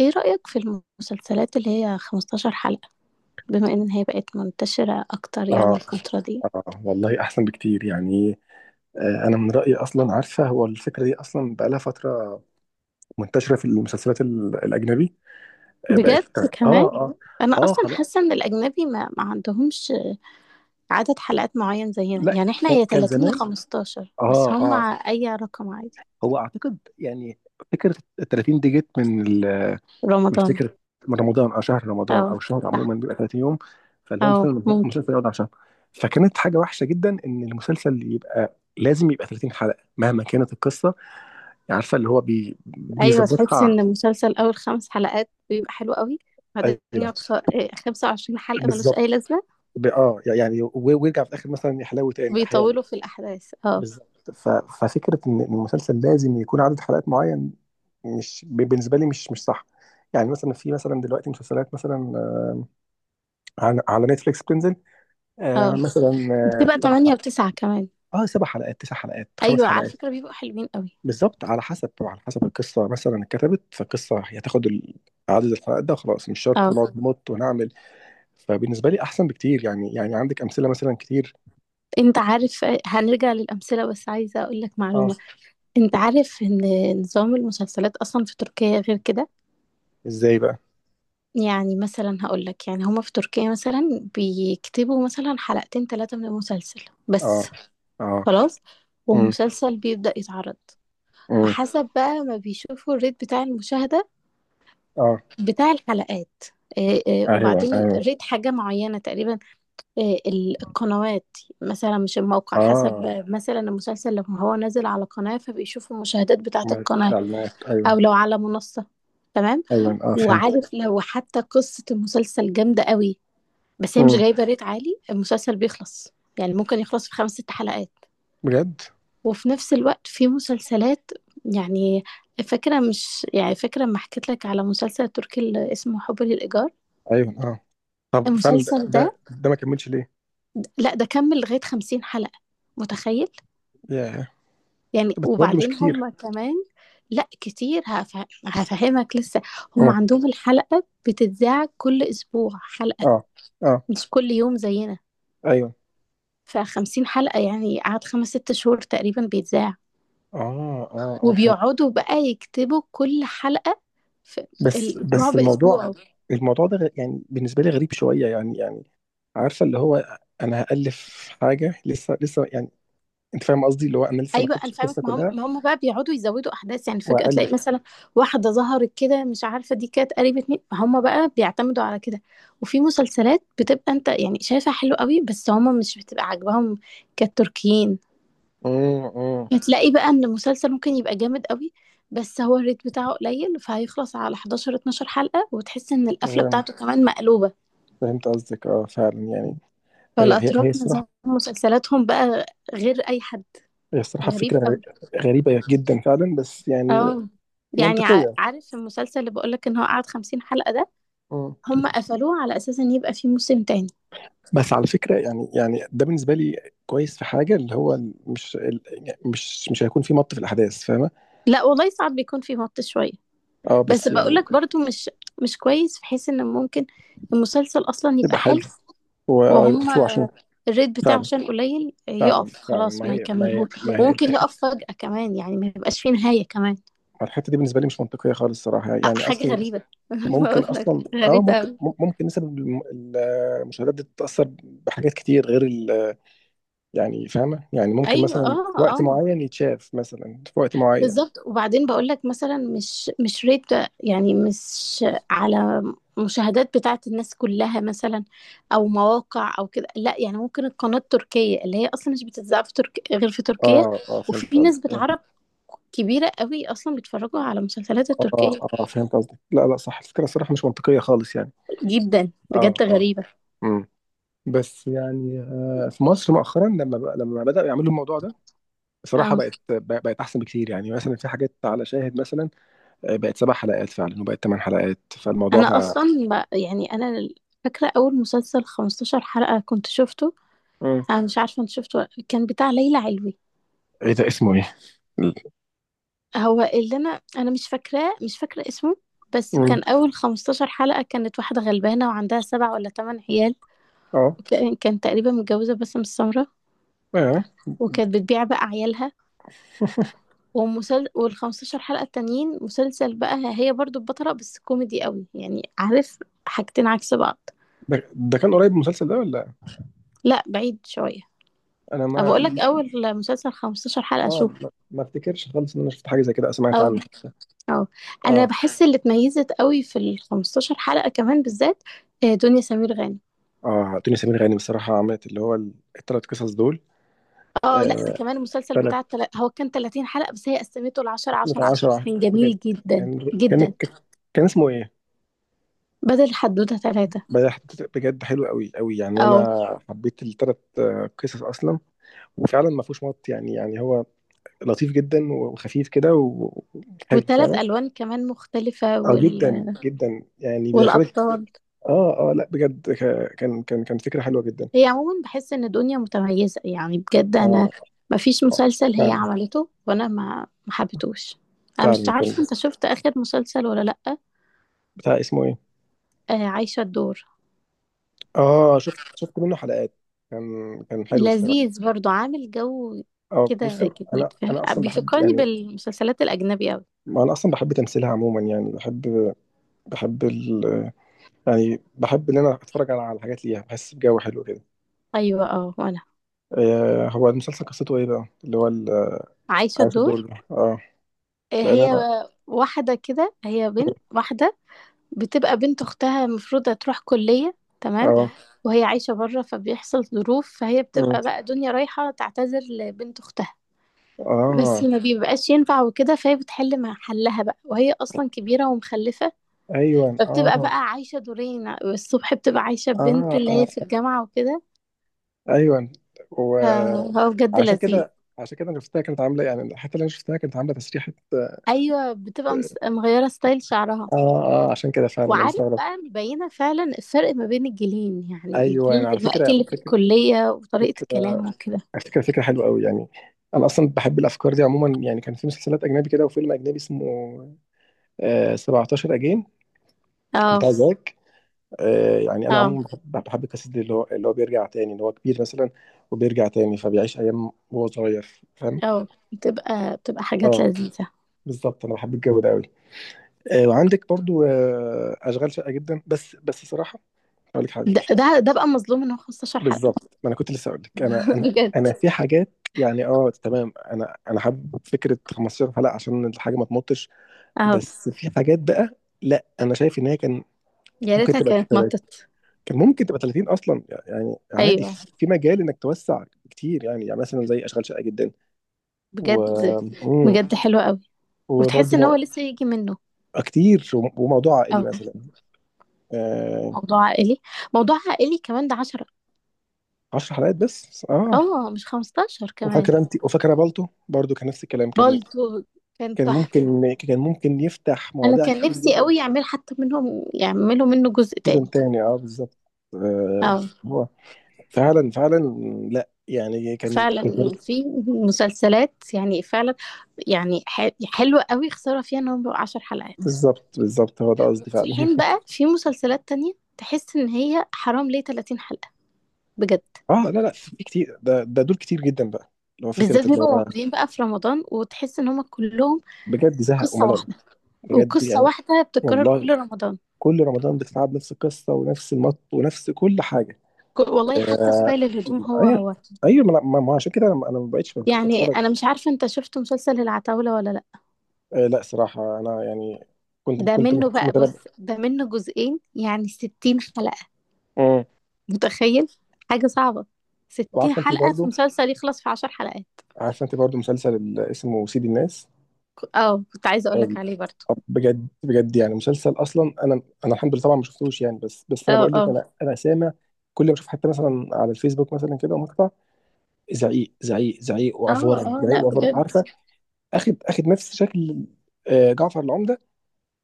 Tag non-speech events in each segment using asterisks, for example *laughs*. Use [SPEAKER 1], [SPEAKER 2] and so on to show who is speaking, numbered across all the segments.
[SPEAKER 1] ايه رأيك في المسلسلات اللي هي 15 حلقة بما ان هي بقت منتشرة اكتر يعني
[SPEAKER 2] اه،
[SPEAKER 1] الفترة دي؟
[SPEAKER 2] اه، والله احسن بكتير يعني. انا من رايي اصلا. عارفه هو الفكره دي اصلا بقى لها فتره منتشره في المسلسلات الاجنبي. آه، بقت،
[SPEAKER 1] بجد
[SPEAKER 2] اه،
[SPEAKER 1] كمان؟
[SPEAKER 2] اه.
[SPEAKER 1] انا
[SPEAKER 2] اه،
[SPEAKER 1] اصلا
[SPEAKER 2] خلاص.
[SPEAKER 1] حاسة ان الاجنبي ما عندهمش عدد حلقات معين زينا،
[SPEAKER 2] لا.
[SPEAKER 1] يعني احنا
[SPEAKER 2] كان
[SPEAKER 1] هي
[SPEAKER 2] كان
[SPEAKER 1] 30 يا
[SPEAKER 2] زمان.
[SPEAKER 1] 15، بس
[SPEAKER 2] اه،
[SPEAKER 1] هم
[SPEAKER 2] اه.
[SPEAKER 1] اي رقم عادي.
[SPEAKER 2] هو اعتقد يعني فكره ال 30 دي جت من من
[SPEAKER 1] رمضان.
[SPEAKER 2] فكره، من رمضان او شهر رمضان او
[SPEAKER 1] اه،
[SPEAKER 2] الشهر عموما
[SPEAKER 1] صح.
[SPEAKER 2] بيبقى 30 يوم. فاللي هو
[SPEAKER 1] اه،
[SPEAKER 2] مثلا
[SPEAKER 1] ممكن.
[SPEAKER 2] المسلسل يقعد على شهر. فكانت حاجه وحشه جدا ان المسلسل يبقى لازم يبقى 30 حلقه مهما كانت القصه، عارفه اللي هو
[SPEAKER 1] ايوه، تحس
[SPEAKER 2] بيظبطها.
[SPEAKER 1] ان المسلسل اول خمس حلقات بيبقى حلو قوي، بعدين
[SPEAKER 2] ايوه،
[SPEAKER 1] يقعد خ- إيه، 25 حلقة ملوش
[SPEAKER 2] بالظبط.
[SPEAKER 1] اي لازمة.
[SPEAKER 2] يعني، ويرجع في الاخر مثلا يحلو تاني احيانا.
[SPEAKER 1] بيطولوا في الاحداث، اه.
[SPEAKER 2] بالظبط. ففكره ان المسلسل لازم يكون عدد حلقات معين مش بالنسبه لي مش صح. يعني مثلا في مثلا دلوقتي مسلسلات مثلا، على نتفليكس بتنزل،
[SPEAKER 1] اه،
[SPEAKER 2] مثلا
[SPEAKER 1] بتبقى
[SPEAKER 2] سبع حلقات.
[SPEAKER 1] 8 و9 كمان.
[SPEAKER 2] اه سبع حلقات، تسع حلقات، خمس
[SPEAKER 1] ايوه، على
[SPEAKER 2] حلقات.
[SPEAKER 1] فكره بيبقوا حلوين قوي.
[SPEAKER 2] بالظبط، على حسب طبعا، على حسب القصه مثلا اتكتبت. فالقصه هتاخد عدد الحلقات ده وخلاص، مش شرط
[SPEAKER 1] اه.
[SPEAKER 2] بنقعد نمط ونعمل. فبالنسبة لي أحسن بكتير يعني عندك أمثلة مثلا كتير؟
[SPEAKER 1] انت عارف هنرجع للامثله، بس عايزه اقول لك
[SPEAKER 2] اه.
[SPEAKER 1] معلومه. انت عارف ان نظام المسلسلات اصلا في تركيا غير كده؟
[SPEAKER 2] إزاي بقى؟
[SPEAKER 1] يعني مثلا هقول لك، يعني هما في تركيا مثلا بيكتبوا مثلا حلقتين ثلاثه من المسلسل
[SPEAKER 2] آه،
[SPEAKER 1] بس.
[SPEAKER 2] آه.
[SPEAKER 1] خلاص،
[SPEAKER 2] أمم،
[SPEAKER 1] ومسلسل بيبدا يتعرض.
[SPEAKER 2] أمم.
[SPEAKER 1] وحسب بقى ما بيشوفوا الريت بتاع المشاهده،
[SPEAKER 2] آه.
[SPEAKER 1] بتاع الحلقات.
[SPEAKER 2] أيوه،
[SPEAKER 1] وبعدين
[SPEAKER 2] أيوه.
[SPEAKER 1] ريت حاجه معينه تقريبا. القنوات، مثلا مش الموقع،
[SPEAKER 2] آه،
[SPEAKER 1] حسب مثلا المسلسل لو هو نازل على قناة فبيشوفوا المشاهدات بتاعة
[SPEAKER 2] مادة
[SPEAKER 1] القناة،
[SPEAKER 2] الإعلانات، أيوه.
[SPEAKER 1] أو لو على منصة. تمام.
[SPEAKER 2] أيوه، آه، فهمت.
[SPEAKER 1] وعارف لو حتى قصة المسلسل جامدة قوي بس هي مش
[SPEAKER 2] أمم.
[SPEAKER 1] جايبة ريت عالي المسلسل بيخلص، يعني ممكن يخلص في خمس ست حلقات.
[SPEAKER 2] بجد؟
[SPEAKER 1] وفي نفس الوقت في مسلسلات، يعني فاكرة، مش يعني فاكرة ما حكيت لك على مسلسل تركي اللي اسمه حب للإيجار.
[SPEAKER 2] أيوه، آه. طب فعلا ده
[SPEAKER 1] المسلسل ده،
[SPEAKER 2] ده, ده ما كملش ليه؟
[SPEAKER 1] لا ده كمل لغاية 50 حلقة، متخيل؟
[SPEAKER 2] ياه.
[SPEAKER 1] يعني
[SPEAKER 2] بس برضه مش
[SPEAKER 1] وبعدين
[SPEAKER 2] كتير.
[SPEAKER 1] هم كمان، لا كتير، هفهمك لسه. هم
[SPEAKER 2] أمم.
[SPEAKER 1] عندهم الحلقة بتتذاع كل أسبوع حلقة،
[SPEAKER 2] آه، آه.
[SPEAKER 1] مش كل يوم زينا.
[SPEAKER 2] أيوه.
[SPEAKER 1] فخمسين حلقة يعني قعد خمس ست شهور تقريبا بيتذاع،
[SPEAKER 2] آه، آه، آه، فهمت.
[SPEAKER 1] وبيقعدوا بقى يكتبوا كل حلقة في
[SPEAKER 2] بس
[SPEAKER 1] الأسبوع
[SPEAKER 2] بس الموضوع،
[SPEAKER 1] بأسبوعه.
[SPEAKER 2] الموضوع ده يعني بالنسبة لي غريب شوية، يعني عارفة اللي هو، أنا هألف حاجة لسه لسه يعني. انت فاهم قصدي؟ اللي هو انا لسه ما
[SPEAKER 1] ايوه، انا
[SPEAKER 2] كتبتش
[SPEAKER 1] فاهمك،
[SPEAKER 2] القصه
[SPEAKER 1] ما هم
[SPEAKER 2] كلها
[SPEAKER 1] ما هم بقى بيقعدوا يزودوا احداث، يعني فجأة تلاقي
[SPEAKER 2] والف.
[SPEAKER 1] مثلا واحدة ظهرت كده مش عارفة دي كانت قريبة مين، هم بقى بيعتمدوا على كده. وفي مسلسلات بتبقى انت يعني شايفها حلو قوي بس هم مش بتبقى عاجباهم كالتركيين.
[SPEAKER 2] امم، امم.
[SPEAKER 1] هتلاقي بقى ان المسلسل ممكن يبقى جامد قوي بس هو الريت بتاعه قليل فهيخلص على 11 12 حلقة، وتحس ان القفلة
[SPEAKER 2] فهمت،
[SPEAKER 1] بتاعته كمان مقلوبة.
[SPEAKER 2] فهمت قصدك. اه فعلا يعني. هي
[SPEAKER 1] فالاتراك
[SPEAKER 2] الصراحه،
[SPEAKER 1] نظام مسلسلاتهم بقى غير اي حد.
[SPEAKER 2] هي الصراحه فكره
[SPEAKER 1] غريب قوي.
[SPEAKER 2] غريبه جدا فعلا، بس يعني
[SPEAKER 1] اه، يعني
[SPEAKER 2] منطقيه.
[SPEAKER 1] عارف المسلسل اللي بقولك ان هو قعد 50 حلقة ده،
[SPEAKER 2] امم.
[SPEAKER 1] هم قفلوه على اساس ان يبقى فيه موسم تاني.
[SPEAKER 2] بس على فكره يعني، ده بالنسبه لي كويس في حاجه اللي هو مش يعني مش هيكون في مط في الاحداث، فاهمه؟
[SPEAKER 1] لا والله، صعب بيكون فيه مط شوية.
[SPEAKER 2] اه،
[SPEAKER 1] بس
[SPEAKER 2] بس يعني
[SPEAKER 1] بقولك برضو مش كويس، في حيث ان ممكن المسلسل اصلا يبقى
[SPEAKER 2] يبقى حلو.
[SPEAKER 1] حلو،
[SPEAKER 2] هو، يبقى
[SPEAKER 1] وهم
[SPEAKER 2] حلو عشان
[SPEAKER 1] الريت بتاعه
[SPEAKER 2] فعلا،
[SPEAKER 1] عشان قليل
[SPEAKER 2] فعلا،
[SPEAKER 1] يقف،
[SPEAKER 2] فعلا.
[SPEAKER 1] خلاص
[SPEAKER 2] ما
[SPEAKER 1] ما
[SPEAKER 2] هي ما هي
[SPEAKER 1] يكملهوش.
[SPEAKER 2] ما هي
[SPEAKER 1] وممكن يقف فجأة كمان، يعني ما يبقاش فيه نهاية كمان.
[SPEAKER 2] الحته دي بالنسبه لي مش منطقيه خالص الصراحه، يعني
[SPEAKER 1] حاجة
[SPEAKER 2] اصلا
[SPEAKER 1] غريبة. *laughs*
[SPEAKER 2] ممكن
[SPEAKER 1] بقولك
[SPEAKER 2] اصلا،
[SPEAKER 1] غريبة
[SPEAKER 2] ممكن،
[SPEAKER 1] أوي.
[SPEAKER 2] ممكن نسب المشاهدات دي تتاثر بحاجات كتير غير يعني فاهمه؟ يعني ممكن
[SPEAKER 1] ايوه،
[SPEAKER 2] مثلا
[SPEAKER 1] اه،
[SPEAKER 2] في وقت
[SPEAKER 1] اه،
[SPEAKER 2] معين يتشاف، مثلا في وقت معين.
[SPEAKER 1] بالظبط. وبعدين بقول لك مثلا، مش ريت يعني، مش على مشاهدات بتاعت الناس كلها مثلا او مواقع او كده، لا، يعني ممكن القناة التركية اللي هي اصلا مش بتتذاع في غير في تركيا.
[SPEAKER 2] اه، اه، فهمت
[SPEAKER 1] وفي
[SPEAKER 2] قصدك،
[SPEAKER 1] نسبة
[SPEAKER 2] اه.
[SPEAKER 1] عرب كبيرة قوي اصلا بيتفرجوا على مسلسلات
[SPEAKER 2] اه،
[SPEAKER 1] التركية.
[SPEAKER 2] آه، فهمت قصدك، لا، لا، صح، الفكره الصراحه مش منطقيه خالص يعني.
[SPEAKER 1] جدا، بجد
[SPEAKER 2] اه، اه.
[SPEAKER 1] غريبة.
[SPEAKER 2] امم. بس يعني، في مصر مؤخرا لما بداوا يعملوا الموضوع ده بصراحه
[SPEAKER 1] اه.
[SPEAKER 2] بقت احسن بكتير يعني، مثلا في حاجات على شاهد مثلا، آه، بقت سبع حلقات فعلا وبقت ثمان حلقات، فالموضوع
[SPEAKER 1] انا
[SPEAKER 2] بقى.
[SPEAKER 1] اصلا يعني انا فاكرة اول مسلسل 15 حلقة كنت شفته،
[SPEAKER 2] مم.
[SPEAKER 1] انا مش عارفة انت شفته، كان بتاع ليلى علوي.
[SPEAKER 2] ايه ده؟ اسمه ايه؟
[SPEAKER 1] هو اللي انا مش فاكراه، مش فاكره اسمه، بس
[SPEAKER 2] مم.
[SPEAKER 1] كان اول 15 حلقه كانت واحده غلبانه وعندها سبع ولا ثمان عيال.
[SPEAKER 2] اه،
[SPEAKER 1] كانت تقريبا متجوزه باسم السمره،
[SPEAKER 2] اه.
[SPEAKER 1] وكانت بتبيع بقى عيالها.
[SPEAKER 2] *laughs*
[SPEAKER 1] وال 15 حلقه التانيين مسلسل بقى هي برضو البطله، بس كوميدي قوي يعني، عارف، حاجتين عكس بعض.
[SPEAKER 2] ده كان قريب من المسلسل ده ولا؟
[SPEAKER 1] لا، بعيد شويه.
[SPEAKER 2] انا
[SPEAKER 1] انا
[SPEAKER 2] ما.
[SPEAKER 1] بقول لك اول مسلسل 15 حلقه، شوف.
[SPEAKER 2] اه، ما افتكرش خالص ان انا شفت حاجه زي كده أو سمعت
[SPEAKER 1] اه،
[SPEAKER 2] عنه.
[SPEAKER 1] اه. انا
[SPEAKER 2] اه،
[SPEAKER 1] بحس اللي اتميزت قوي في ال 15 حلقه كمان بالذات، دنيا سمير غانم.
[SPEAKER 2] اه، دنيا سمير غانم الصراحه عملت اللي هو الثلاث قصص دول.
[SPEAKER 1] اه، لا ده
[SPEAKER 2] آه،
[SPEAKER 1] كمان المسلسل
[SPEAKER 2] ثلاث.
[SPEAKER 1] بتاع هو كان 30 حلقة بس هي قسمته ل 10 10
[SPEAKER 2] آه.
[SPEAKER 1] 10،
[SPEAKER 2] 10.
[SPEAKER 1] كان
[SPEAKER 2] بجد؟
[SPEAKER 1] جميل جدا
[SPEAKER 2] كان.
[SPEAKER 1] جدا،
[SPEAKER 2] كان. كان اسمه ايه؟
[SPEAKER 1] بدل حدوتة ثلاثة.
[SPEAKER 2] بجد، بجد حلو قوي قوي يعني. انا
[SPEAKER 1] اه،
[SPEAKER 2] حبيت الثلاث قصص اصلا، وفعلا ما فيهوش مط يعني. هو لطيف جدا، وخفيف كده، وحلو
[SPEAKER 1] وثلاث
[SPEAKER 2] فعلا.
[SPEAKER 1] ألوان كمان مختلفة،
[SPEAKER 2] اه، جدا جدا يعني بيدخلك.
[SPEAKER 1] والأبطال.
[SPEAKER 2] اه، اه، لا بجد كان فكرة حلوة جدا.
[SPEAKER 1] هي عموما بحس إن دنيا متميزة، يعني بجد أنا
[SPEAKER 2] اه،
[SPEAKER 1] ما فيش مسلسل هي
[SPEAKER 2] فعلا،
[SPEAKER 1] عملته وأنا ما حبيتهوش. أنا مش
[SPEAKER 2] فعلا. كان
[SPEAKER 1] عارفة أنت شفت آخر مسلسل ولا لأ.
[SPEAKER 2] بتاع اسمه ايه؟
[SPEAKER 1] عايشة الدور.
[SPEAKER 2] اه، شفت منه حلقات. كان حلو الصراحة.
[SPEAKER 1] لذيذ، برضو عامل جو
[SPEAKER 2] اه،
[SPEAKER 1] كده
[SPEAKER 2] بص انا،
[SPEAKER 1] جديد، فاهم،
[SPEAKER 2] اصلا بحب
[SPEAKER 1] بيفكرني
[SPEAKER 2] يعني.
[SPEAKER 1] بالمسلسلات الأجنبي أوي.
[SPEAKER 2] ما انا اصلا بحب تمثيلها عموما يعني، بحب، بحب ال، يعني بحب ان انا اتفرج على، حاجات ليها، بحس بجو حلو كده.
[SPEAKER 1] أيوة، اه، وأنا.
[SPEAKER 2] آه، هو المسلسل قصته ايه بقى، اللي هو
[SPEAKER 1] عايشة
[SPEAKER 2] عايش الدور
[SPEAKER 1] الدور.
[SPEAKER 2] ده؟ اه، لان
[SPEAKER 1] هي
[SPEAKER 2] انا.
[SPEAKER 1] واحدة كده، هي بنت واحدة بتبقى بنت أختها المفروض هتروح كلية. تمام.
[SPEAKER 2] اه.
[SPEAKER 1] وهي عايشة بره فبيحصل ظروف فهي
[SPEAKER 2] مم.
[SPEAKER 1] بتبقى بقى دنيا رايحة تعتذر لبنت أختها، بس
[SPEAKER 2] اه،
[SPEAKER 1] ما بيبقاش ينفع وكده، فهي بتحل مع حلها بقى، وهي أصلا كبيرة ومخلفة.
[SPEAKER 2] ايوه،
[SPEAKER 1] فبتبقى
[SPEAKER 2] اه،
[SPEAKER 1] بقى عايشة دورين، الصبح بتبقى عايشة بنت
[SPEAKER 2] اه،
[SPEAKER 1] اللي
[SPEAKER 2] اه،
[SPEAKER 1] هي في الجامعة وكده.
[SPEAKER 2] ايوه.
[SPEAKER 1] فهو بجد
[SPEAKER 2] وعشان
[SPEAKER 1] لذيذ.
[SPEAKER 2] كده، عشان كده انا شفتها كانت عامله يعني، الحته اللي انا شفتها كانت عامله تسريحه، اه.
[SPEAKER 1] أيوة، بتبقى مغيرة ستايل شعرها.
[SPEAKER 2] اه، عشان كده فعلا انا
[SPEAKER 1] وعارف
[SPEAKER 2] استغرب.
[SPEAKER 1] بقى مبينة فعلا الفرق ما بين الجيلين، يعني
[SPEAKER 2] ايوه، يعني
[SPEAKER 1] الجيل
[SPEAKER 2] على فكره،
[SPEAKER 1] دلوقتي اللي في الكلية وطريقة
[SPEAKER 2] فكره
[SPEAKER 1] الكلام وكده.
[SPEAKER 2] فكره حلوه قوي يعني. انا اصلا بحب الافكار دي عموما. يعني كان في مسلسلات اجنبي كده، وفيلم اجنبي اسمه 17 اجين
[SPEAKER 1] اه،
[SPEAKER 2] بتاع زاك. آه، يعني انا
[SPEAKER 1] اه،
[SPEAKER 2] عموما بحب، القصص دي، اللي هو بيرجع تاني، اللي هو كبير مثلا وبيرجع تاني فبيعيش ايام وهو صغير، فاهم؟
[SPEAKER 1] اه. بتبقى حاجات
[SPEAKER 2] اه،
[SPEAKER 1] لذيذة.
[SPEAKER 2] بالظبط، انا بحب الجو ده قوي. آه، وعندك برضو، آه، اشغال شاقه جدا، بس صراحه اقول لك حاجه.
[SPEAKER 1] ده بقى مظلوم ان هو 15 حلقة.
[SPEAKER 2] بالظبط، ما انا كنت لسه اقول لك،
[SPEAKER 1] *laughs* بجد،
[SPEAKER 2] انا في حاجات يعني، اه، تمام. انا حابب فكره 15 حلقه عشان الحاجه ما تمطش.
[SPEAKER 1] اه،
[SPEAKER 2] بس في حاجات بقى، لا انا شايف ان هي كان
[SPEAKER 1] يا
[SPEAKER 2] ممكن
[SPEAKER 1] ريتها
[SPEAKER 2] تبقى
[SPEAKER 1] كانت مطت.
[SPEAKER 2] كان ممكن تبقى 30 اصلا يعني عادي.
[SPEAKER 1] ايوه،
[SPEAKER 2] في مجال انك توسع كتير يعني، مثلا زي اشغال شاقه جدا، و.
[SPEAKER 1] بجد
[SPEAKER 2] مم.
[SPEAKER 1] بجد حلوة قوي، وتحس
[SPEAKER 2] وبرضو
[SPEAKER 1] ان هو
[SPEAKER 2] مو،
[SPEAKER 1] لسه يجي منه.
[SPEAKER 2] كتير. وموضوع عائلي
[SPEAKER 1] اه،
[SPEAKER 2] مثلا، آه،
[SPEAKER 1] موضوع عائلي. موضوع عائلي كمان، ده 10،
[SPEAKER 2] 10 حلقات بس، اه.
[SPEAKER 1] اه، مش 15 كمان.
[SPEAKER 2] وفاكره انت؟ وفاكره بالتو برضو، كان نفس الكلام. كان،
[SPEAKER 1] بالطو كان تحفة.
[SPEAKER 2] كان ممكن يفتح
[SPEAKER 1] انا
[SPEAKER 2] مواضيع
[SPEAKER 1] كان
[SPEAKER 2] كتير
[SPEAKER 1] نفسي
[SPEAKER 2] جدا.
[SPEAKER 1] قوي يعمل، حتى منهم يعملوا منه جزء
[SPEAKER 2] سيزون
[SPEAKER 1] تاني.
[SPEAKER 2] تاني، اه، بالظبط. آه،
[SPEAKER 1] اه،
[SPEAKER 2] هو. فعلا، فعلا. لا يعني كان
[SPEAKER 1] فعلا في مسلسلات يعني فعلا، يعني حلوة قوي، خسارة فيها ان هم بقوا 10 حلقات.
[SPEAKER 2] بالظبط، بالظبط هو ده قصدي
[SPEAKER 1] في
[SPEAKER 2] فعلا.
[SPEAKER 1] حين بقى
[SPEAKER 2] *laughs*
[SPEAKER 1] في مسلسلات تانية تحس ان هي حرام ليه 30 حلقة، بجد.
[SPEAKER 2] اه، لا، لا، في كتير. ده ده دول كتير جدا بقى، اللي هو فكره،
[SPEAKER 1] بالذات
[SPEAKER 2] اللي
[SPEAKER 1] بيبقوا
[SPEAKER 2] هو
[SPEAKER 1] موجودين بقى في رمضان، وتحس ان هم كلهم
[SPEAKER 2] بجد زهق
[SPEAKER 1] قصة
[SPEAKER 2] وملل.
[SPEAKER 1] واحدة،
[SPEAKER 2] بجد
[SPEAKER 1] وقصة
[SPEAKER 2] يعني.
[SPEAKER 1] واحدة بتتكرر
[SPEAKER 2] والله،
[SPEAKER 1] كل رمضان.
[SPEAKER 2] كل رمضان بتتعب، نفس القصه ونفس المط ونفس كل حاجه.
[SPEAKER 1] والله حتى
[SPEAKER 2] آه،
[SPEAKER 1] ستايل الهدوم هو
[SPEAKER 2] ايوه،
[SPEAKER 1] هو.
[SPEAKER 2] ايوه، ما ما عشان كده، انا، ما بقتش
[SPEAKER 1] يعني
[SPEAKER 2] بتفرج.
[SPEAKER 1] انا مش عارفة انت شفت مسلسل العتاولة ولا؟
[SPEAKER 2] آه، لا صراحة أنا يعني كنت،
[SPEAKER 1] ده منه بقى،
[SPEAKER 2] متابع.
[SPEAKER 1] بص، ده منه جزئين، يعني 60 حلقة،
[SPEAKER 2] مم.
[SPEAKER 1] متخيل؟ حاجة صعبة، ستين
[SPEAKER 2] وعارفة أنت
[SPEAKER 1] حلقة في
[SPEAKER 2] برضو؟
[SPEAKER 1] مسلسل يخلص في 10 حلقات.
[SPEAKER 2] عارفة أنت برضو مسلسل اسمه سيد الناس؟
[SPEAKER 1] اه، كنت عايزة
[SPEAKER 2] آه،
[SPEAKER 1] اقولك عليه برضو.
[SPEAKER 2] بجد، بجد يعني مسلسل، أصلا أنا، الحمد لله طبعا ما شفتوش يعني، بس أنا
[SPEAKER 1] اه،
[SPEAKER 2] بقول لك،
[SPEAKER 1] اه،
[SPEAKER 2] أنا، سامع. كل ما أشوف حتى مثلا على الفيسبوك مثلا كده مقطع زعيق زعيق زعيق
[SPEAKER 1] اه،
[SPEAKER 2] وأفورة،
[SPEAKER 1] اه،
[SPEAKER 2] زعيق
[SPEAKER 1] لا،
[SPEAKER 2] وأفورة،
[SPEAKER 1] بجد،
[SPEAKER 2] عارفة؟ أخد نفس شكل، آه، جعفر العمدة.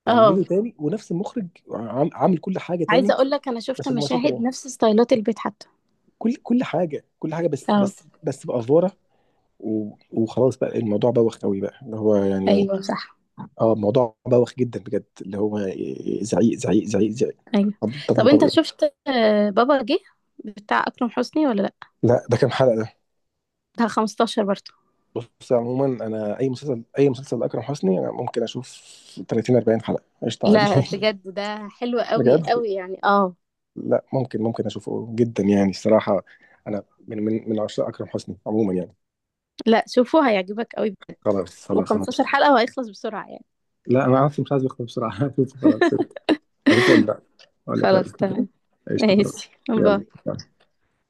[SPEAKER 2] عاملينه
[SPEAKER 1] اه.
[SPEAKER 2] تاني، ونفس المخرج عامل كل حاجة تاني.
[SPEAKER 1] عايزة اقولك انا شفت
[SPEAKER 2] بس هم ممثلين
[SPEAKER 1] مشاهد
[SPEAKER 2] تانيين.
[SPEAKER 1] نفس ستايلات البيت حتى.
[SPEAKER 2] كل حاجه، كل حاجه،
[SPEAKER 1] اه،
[SPEAKER 2] بس بافوره، وخلاص بقى، الموضوع بوخ قوي بقى، اللي هو يعني،
[SPEAKER 1] ايوه، صح،
[SPEAKER 2] اه، الموضوع بوخ جدا بجد، اللي هو زعيق زعيق زعيق زعيق.
[SPEAKER 1] ايوه. طب
[SPEAKER 2] طب
[SPEAKER 1] انت
[SPEAKER 2] إيه؟
[SPEAKER 1] شفت بابا جه بتاع اكرم حسني ولا لا؟
[SPEAKER 2] لا ده كام حلقة ده؟
[SPEAKER 1] ده 15 برضو.
[SPEAKER 2] بص عموما انا، اي مسلسل، اكرم حسني انا ممكن اشوف 30 40 حلقة قشطة عادي.
[SPEAKER 1] لا،
[SPEAKER 2] *laughs*
[SPEAKER 1] بجد، ده حلو قوي
[SPEAKER 2] بجد.
[SPEAKER 1] قوي يعني، اه.
[SPEAKER 2] لا، ممكن، اشوفه جدا يعني الصراحة. انا من، من عشاق اكرم حسني عموما يعني.
[SPEAKER 1] لا، شوفوا، هيعجبك قوي،
[SPEAKER 2] خلاص، خلاص، انا
[SPEAKER 1] و15
[SPEAKER 2] هشوف.
[SPEAKER 1] حلقة وهيخلص بسرعة يعني.
[SPEAKER 2] لا انا اصلا مش عايز اختم بسرعة. *laughs* هشوفه خلاص، اشوفه، اقول لك اقول لك
[SPEAKER 1] خلاص،
[SPEAKER 2] رأيي.
[SPEAKER 1] تمام.
[SPEAKER 2] *laughs* قشطة خلاص.
[SPEAKER 1] ماشي، باي.
[SPEAKER 2] يلا.